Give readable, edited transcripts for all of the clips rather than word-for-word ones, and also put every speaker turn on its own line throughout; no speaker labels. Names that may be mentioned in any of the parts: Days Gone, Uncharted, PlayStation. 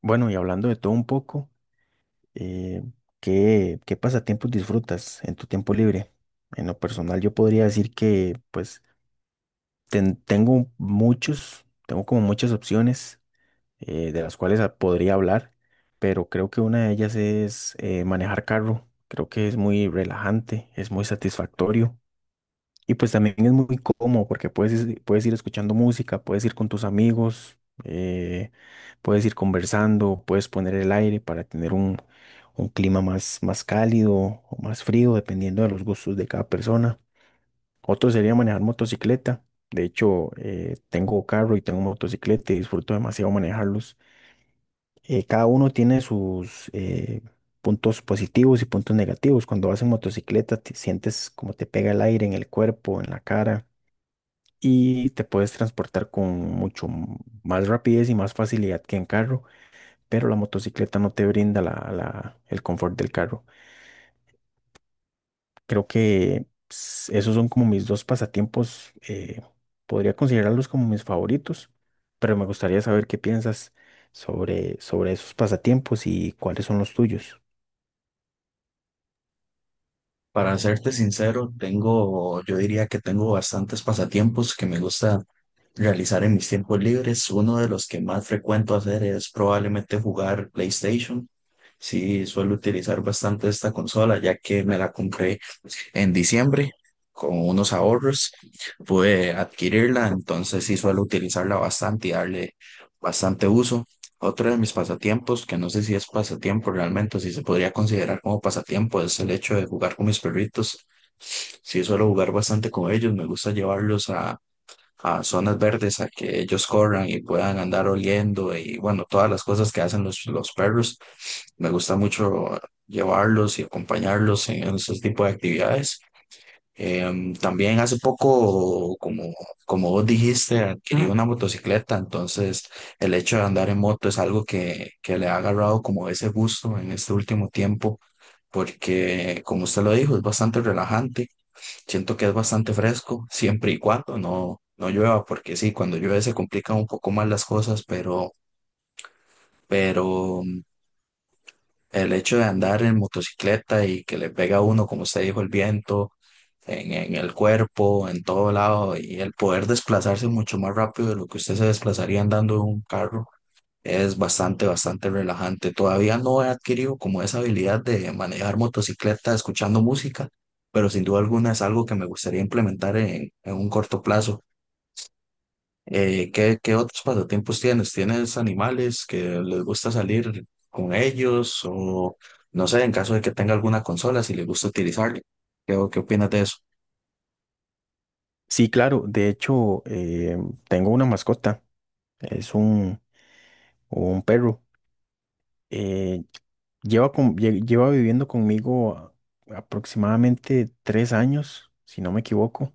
Bueno, y hablando de todo un poco, eh, ¿qué pasatiempos disfrutas en tu tiempo libre? En lo personal, yo podría decir que pues tengo muchos, tengo como muchas opciones de las cuales podría hablar, pero creo que una de ellas es manejar carro. Creo que es muy relajante, es muy satisfactorio. Y pues también es muy cómodo porque puedes ir escuchando música, puedes ir con tus amigos, eh, puedes ir conversando, puedes poner el aire para tener un clima más cálido o más frío, dependiendo de los gustos de cada persona. Otro sería manejar motocicleta. De hecho, tengo carro y tengo motocicleta y disfruto demasiado manejarlos. Cada uno tiene sus puntos positivos y puntos negativos. Cuando vas en motocicleta, te sientes como te pega el aire en el cuerpo, en la cara y te puedes transportar con más rapidez y más facilidad que en carro, pero la motocicleta no te brinda el confort del carro. Creo que esos son como mis dos pasatiempos, podría considerarlos como mis favoritos, pero me gustaría saber qué piensas sobre esos pasatiempos y cuáles son los tuyos.
Para serte sincero, yo diría que tengo bastantes pasatiempos que me gusta realizar en mis tiempos libres. Uno de los que más frecuento hacer es probablemente jugar PlayStation. Sí, suelo utilizar bastante esta consola, ya que me la compré en diciembre con unos ahorros. Pude adquirirla, entonces sí suelo utilizarla bastante y darle bastante uso. Otro de mis pasatiempos, que no sé si es pasatiempo realmente, o si se podría considerar como pasatiempo, es el hecho de jugar con mis perritos. Sí, suelo jugar bastante con ellos, me gusta llevarlos a zonas verdes, a que ellos corran y puedan andar oliendo y bueno, todas las cosas que hacen los perros. Me gusta mucho llevarlos y acompañarlos en esos tipos de actividades. También hace poco, como vos dijiste, adquirí una motocicleta, entonces el hecho de andar en moto es algo que le ha agarrado como ese gusto en este último tiempo, porque como usted lo dijo, es bastante relajante, siento que es bastante fresco, siempre y cuando no, no llueva, porque sí, cuando llueve se complican un poco más las cosas, pero el hecho de andar en motocicleta y que le pega a uno, como usted dijo, el viento en el cuerpo, en todo lado, y el poder desplazarse mucho más rápido de lo que usted se desplazaría andando en un carro, es bastante, bastante relajante. Todavía no he adquirido como esa habilidad de manejar motocicleta escuchando música, pero sin duda alguna es algo que me gustaría implementar en un corto plazo. Qué otros pasatiempos tienes? ¿Tienes animales que les gusta salir con ellos? O no sé, en caso de que tenga alguna consola, si les gusta utilizarla. ¿Qué opinas de eso?
Sí, claro, de hecho, tengo una mascota, es un perro. eh, lleva viviendo conmigo aproximadamente 3 años, si no me equivoco.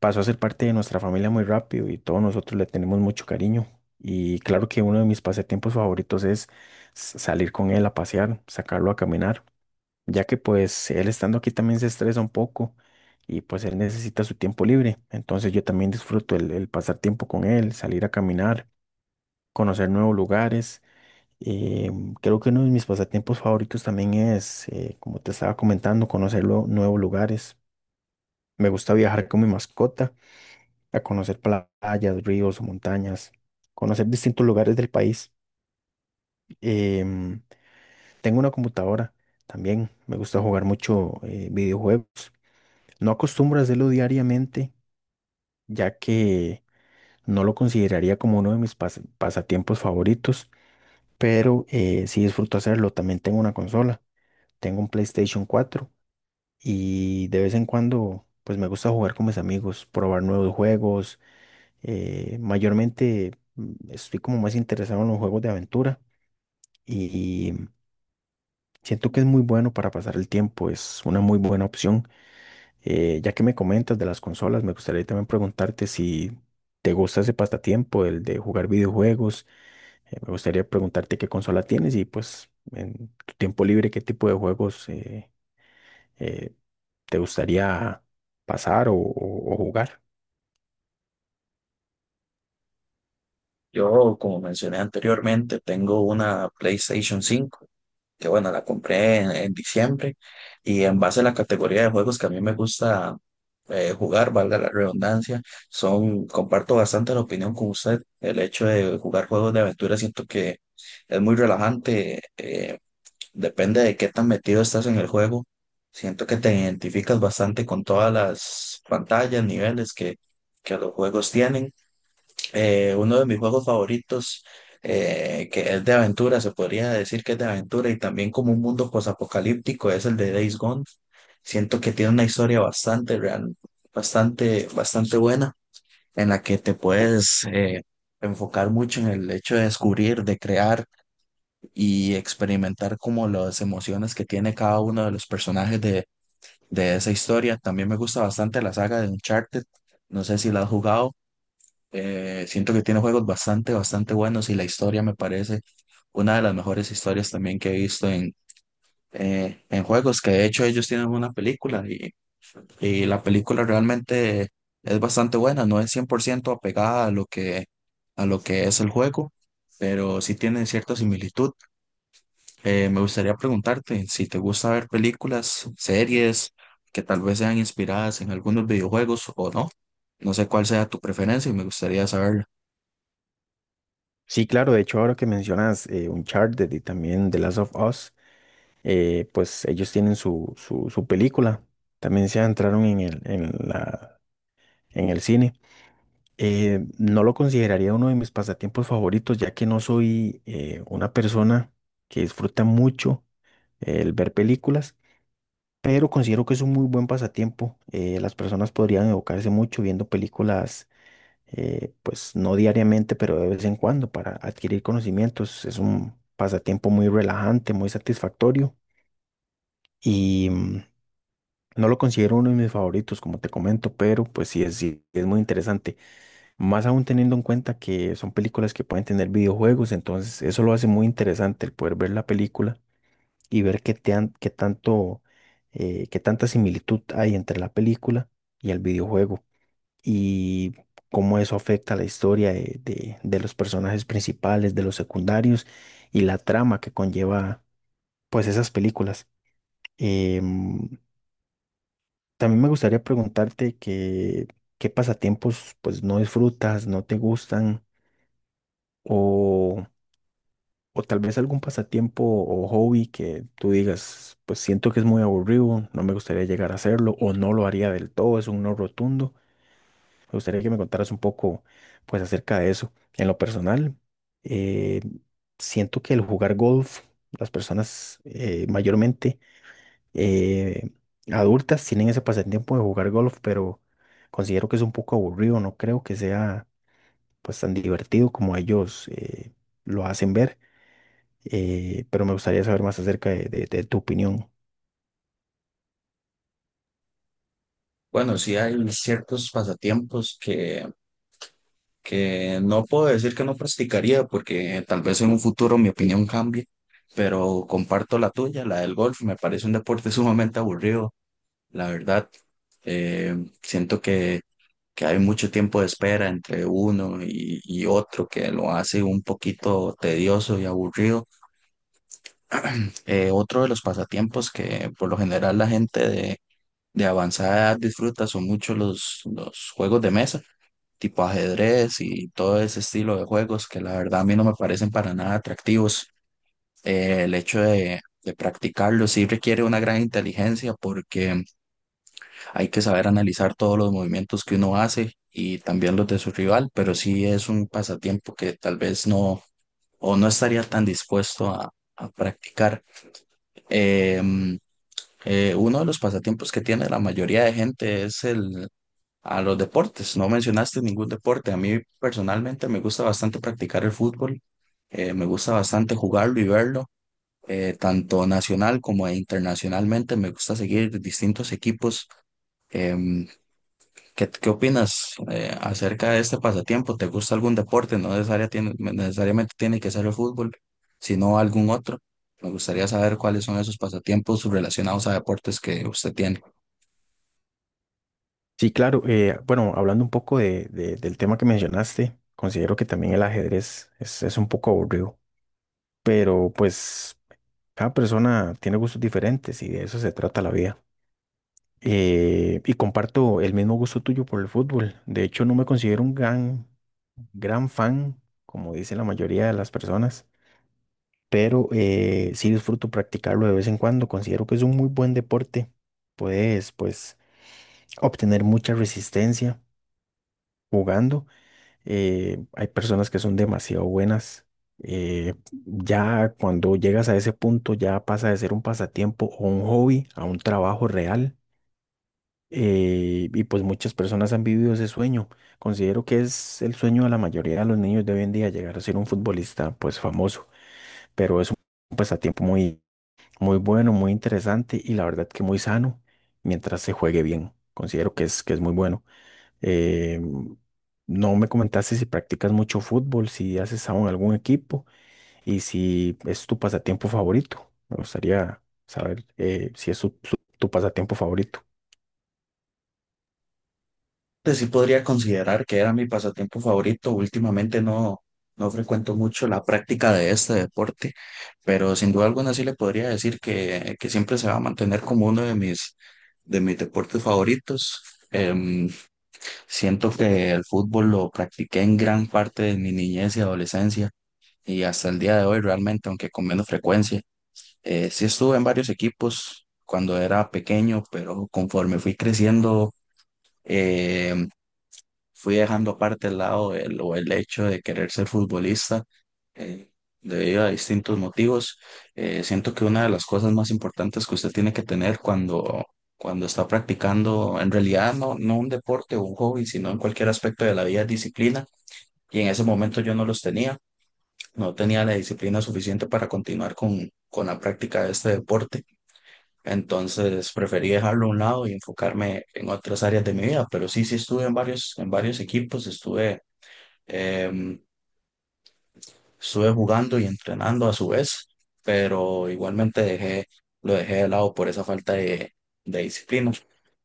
Pasó a ser parte de nuestra familia muy rápido y todos nosotros le tenemos mucho cariño. Y claro que uno de mis pasatiempos favoritos es salir con él a pasear, sacarlo a caminar, ya que pues él estando aquí también se estresa un poco y pues él necesita su tiempo libre. Entonces yo también disfruto el pasar tiempo con él, salir a caminar, conocer nuevos lugares. eh, Creo que uno de mis pasatiempos favoritos también es, como te estaba comentando, conocer nuevos lugares. Me gusta viajar con mi mascota a conocer playas, ríos, montañas, conocer distintos lugares del país. Em, tengo una computadora también. Me gusta jugar mucho videojuegos. No acostumbro a hacerlo diariamente, ya que no lo consideraría como uno de mis pasatiempos favoritos, pero sí disfruto hacerlo. También tengo una consola. Tengo un PlayStation 4. Y de vez en cuando, pues me gusta jugar con mis amigos, probar nuevos juegos. Mayormente estoy como más interesado en los juegos de aventura y siento que es muy bueno para pasar el tiempo, es una muy buena opción. Ya que me comentas de las consolas, me gustaría también preguntarte si te gusta ese pasatiempo, el de jugar videojuegos. Me gustaría preguntarte qué consola tienes y pues en tu tiempo libre qué tipo de juegos eh, te gustaría pasar o jugar.
Yo, como mencioné anteriormente, tengo una PlayStation 5 que bueno, la compré en diciembre y en base a la categoría de juegos que a mí me gusta jugar, valga la redundancia, son, comparto bastante la opinión con usted. El hecho de jugar juegos de aventura siento que es muy relajante. Depende de qué tan metido estás en el juego. Siento que te identificas bastante con todas las pantallas, niveles que los juegos tienen. Uno de mis juegos favoritos, que es de aventura, se podría decir que es de aventura y también como un mundo posapocalíptico, es el de Days Gone. Siento que tiene una historia bastante real, bastante, bastante buena, en la que te puedes enfocar mucho en el hecho de descubrir, de crear y experimentar como las emociones que tiene cada uno de los personajes de esa historia. También me gusta bastante la saga de Uncharted. No sé si la has jugado. Siento que tiene juegos bastante, bastante buenos y la historia me parece una de las mejores historias también que he visto en juegos, que de hecho ellos tienen una película y la película realmente es bastante buena, no es 100% apegada a lo que es el juego, pero sí tiene cierta similitud. Me gustaría preguntarte si te gusta ver películas, series que tal vez sean inspiradas en algunos videojuegos o no. No sé cuál sea tu preferencia y me gustaría saberlo.
Sí, claro, de hecho, ahora que mencionas Uncharted y también The Last of Us, pues ellos tienen su película. También se entraron en en el cine. No lo consideraría uno de mis pasatiempos favoritos, ya que no soy una persona que disfruta mucho el ver películas, pero considero que es un muy buen pasatiempo. Las personas podrían evocarse mucho viendo películas. Pues no diariamente, pero de vez en cuando para adquirir conocimientos. Es un pasatiempo muy relajante, muy satisfactorio y no lo considero uno de mis favoritos, como te comento, pero pues sí es muy interesante. Más aún teniendo en cuenta que son películas que pueden tener videojuegos, entonces eso lo hace muy interesante el poder ver la película y ver qué tanto, qué tanta similitud hay entre la película y el videojuego y cómo eso afecta la historia de los personajes principales, de los secundarios y la trama que conlleva pues esas películas. Em, también me gustaría preguntarte qué pasatiempos pues no disfrutas, no te gustan o, o tal vez algún pasatiempo o hobby que tú digas pues siento que es muy aburrido, no me gustaría llegar a hacerlo o no lo haría del todo, es un no rotundo. Me gustaría que me contaras un poco, pues, acerca de eso. En lo personal, eh, siento que el jugar golf, las personas mayormente eh, adultas tienen ese pasatiempo de jugar golf, pero considero que es un poco aburrido. No creo que sea, pues, tan divertido como ellos lo hacen ver. Pero me gustaría saber más acerca de, de tu opinión.
Bueno, sí hay ciertos pasatiempos que no puedo decir que no practicaría porque tal vez en un futuro mi opinión cambie, pero comparto la tuya, la del golf. Me parece un deporte sumamente aburrido, la verdad. Eh, Siento que hay mucho tiempo de espera entre uno y otro que lo hace un poquito tedioso y aburrido. Otro de los pasatiempos que por lo general la gente de avanzada edad disfruta son mucho los juegos de mesa, tipo ajedrez y todo ese estilo de juegos que la verdad a mí no me parecen para nada atractivos. El hecho de practicarlo sí requiere una gran inteligencia porque hay que saber analizar todos los movimientos que uno hace y también los de su rival, pero sí es un pasatiempo que tal vez no o no estaría tan dispuesto a practicar. Em, Uno de los pasatiempos que tiene la mayoría de gente es el a los deportes. No mencionaste ningún deporte. A mí personalmente me gusta bastante practicar el fútbol. Me gusta bastante jugarlo y verlo, tanto nacional como internacionalmente. Me gusta seguir distintos equipos. em, ¿qué opinas acerca de este pasatiempo? ¿Te gusta algún deporte? No necesariamente tiene que ser el fútbol, sino algún otro. Me gustaría saber cuáles son esos pasatiempos relacionados a deportes que usted tiene.
Sí, claro. Bueno, hablando un poco de- del tema que mencionaste, considero que también el ajedrez es un poco aburrido. Pero pues cada persona tiene gustos diferentes y de eso se trata la vida. Y comparto el mismo gusto tuyo por el fútbol. De hecho, no me considero un gran fan, como dice la mayoría de las personas, pero sí disfruto practicarlo de vez en cuando. Considero que es un muy buen deporte. Puedes, pues, obtener mucha resistencia jugando. Hay personas que son demasiado buenas. eh, ya cuando llegas a ese punto, ya pasa de ser un pasatiempo o un hobby a un trabajo real. Y pues muchas personas han vivido ese sueño. Considero que es el sueño de la mayoría de los niños de hoy en día llegar a ser un futbolista pues famoso, pero es un pasatiempo muy bueno, muy interesante y la verdad que muy sano mientras se juegue bien. Considero que que es muy bueno. Eh, no me comentaste si practicas mucho fútbol, si haces aún algún equipo y si es tu pasatiempo favorito. Me gustaría saber si es tu pasatiempo favorito.
Pues sí podría considerar que era mi pasatiempo favorito. Últimamente no, no frecuento mucho la práctica de este deporte, pero sin duda alguna sí le podría decir que siempre se va a mantener como uno de mis deportes favoritos. Em, Siento que el fútbol lo practiqué en gran parte de mi niñez y adolescencia y hasta el día de hoy realmente, aunque con menos frecuencia. Sí estuve en varios equipos cuando era pequeño, pero conforme fui creciendo, eh, fui dejando aparte el lado el, o el hecho de querer ser futbolista eh, debido a distintos motivos. Siento que una de las cosas más importantes que usted tiene que tener cuando está practicando, en realidad no, no un deporte o un hobby, sino en cualquier aspecto de la vida, es disciplina. Y en ese momento yo no los tenía, no tenía la disciplina suficiente para continuar con la práctica de este deporte. Entonces preferí dejarlo a un lado y enfocarme en otras áreas de mi vida, pero sí, sí estuve en varios, Em, estuve jugando y entrenando a su vez, pero igualmente lo dejé de lado por esa falta de disciplina.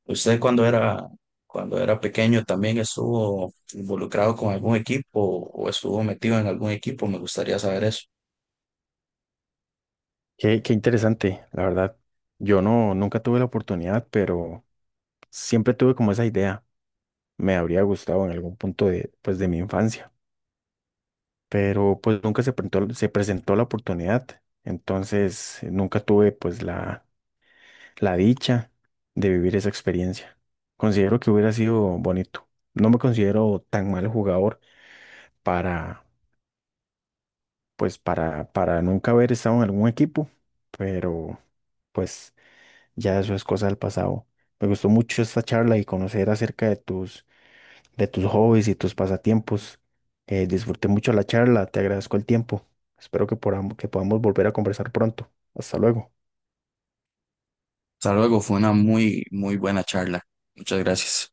¿Usted cuando era pequeño también estuvo involucrado con algún equipo o estuvo metido en algún equipo? Me gustaría saber eso.
Qué interesante, la verdad. Yo no, nunca tuve la oportunidad, pero siempre tuve como esa idea. Me habría gustado en algún punto de, pues, de mi infancia, pero pues nunca se presentó la oportunidad. Entonces, nunca tuve pues la dicha de vivir esa experiencia. Considero que hubiera sido bonito. No me considero tan mal jugador para, pues, para nunca haber estado en algún equipo, pero pues ya eso es cosa del pasado. Me gustó mucho esta charla y conocer acerca de tus hobbies y tus pasatiempos. Disfruté mucho la charla, te agradezco el tiempo. Espero que podamos volver a conversar pronto. Hasta luego.
Hasta luego, fue una muy, muy buena charla. Muchas gracias.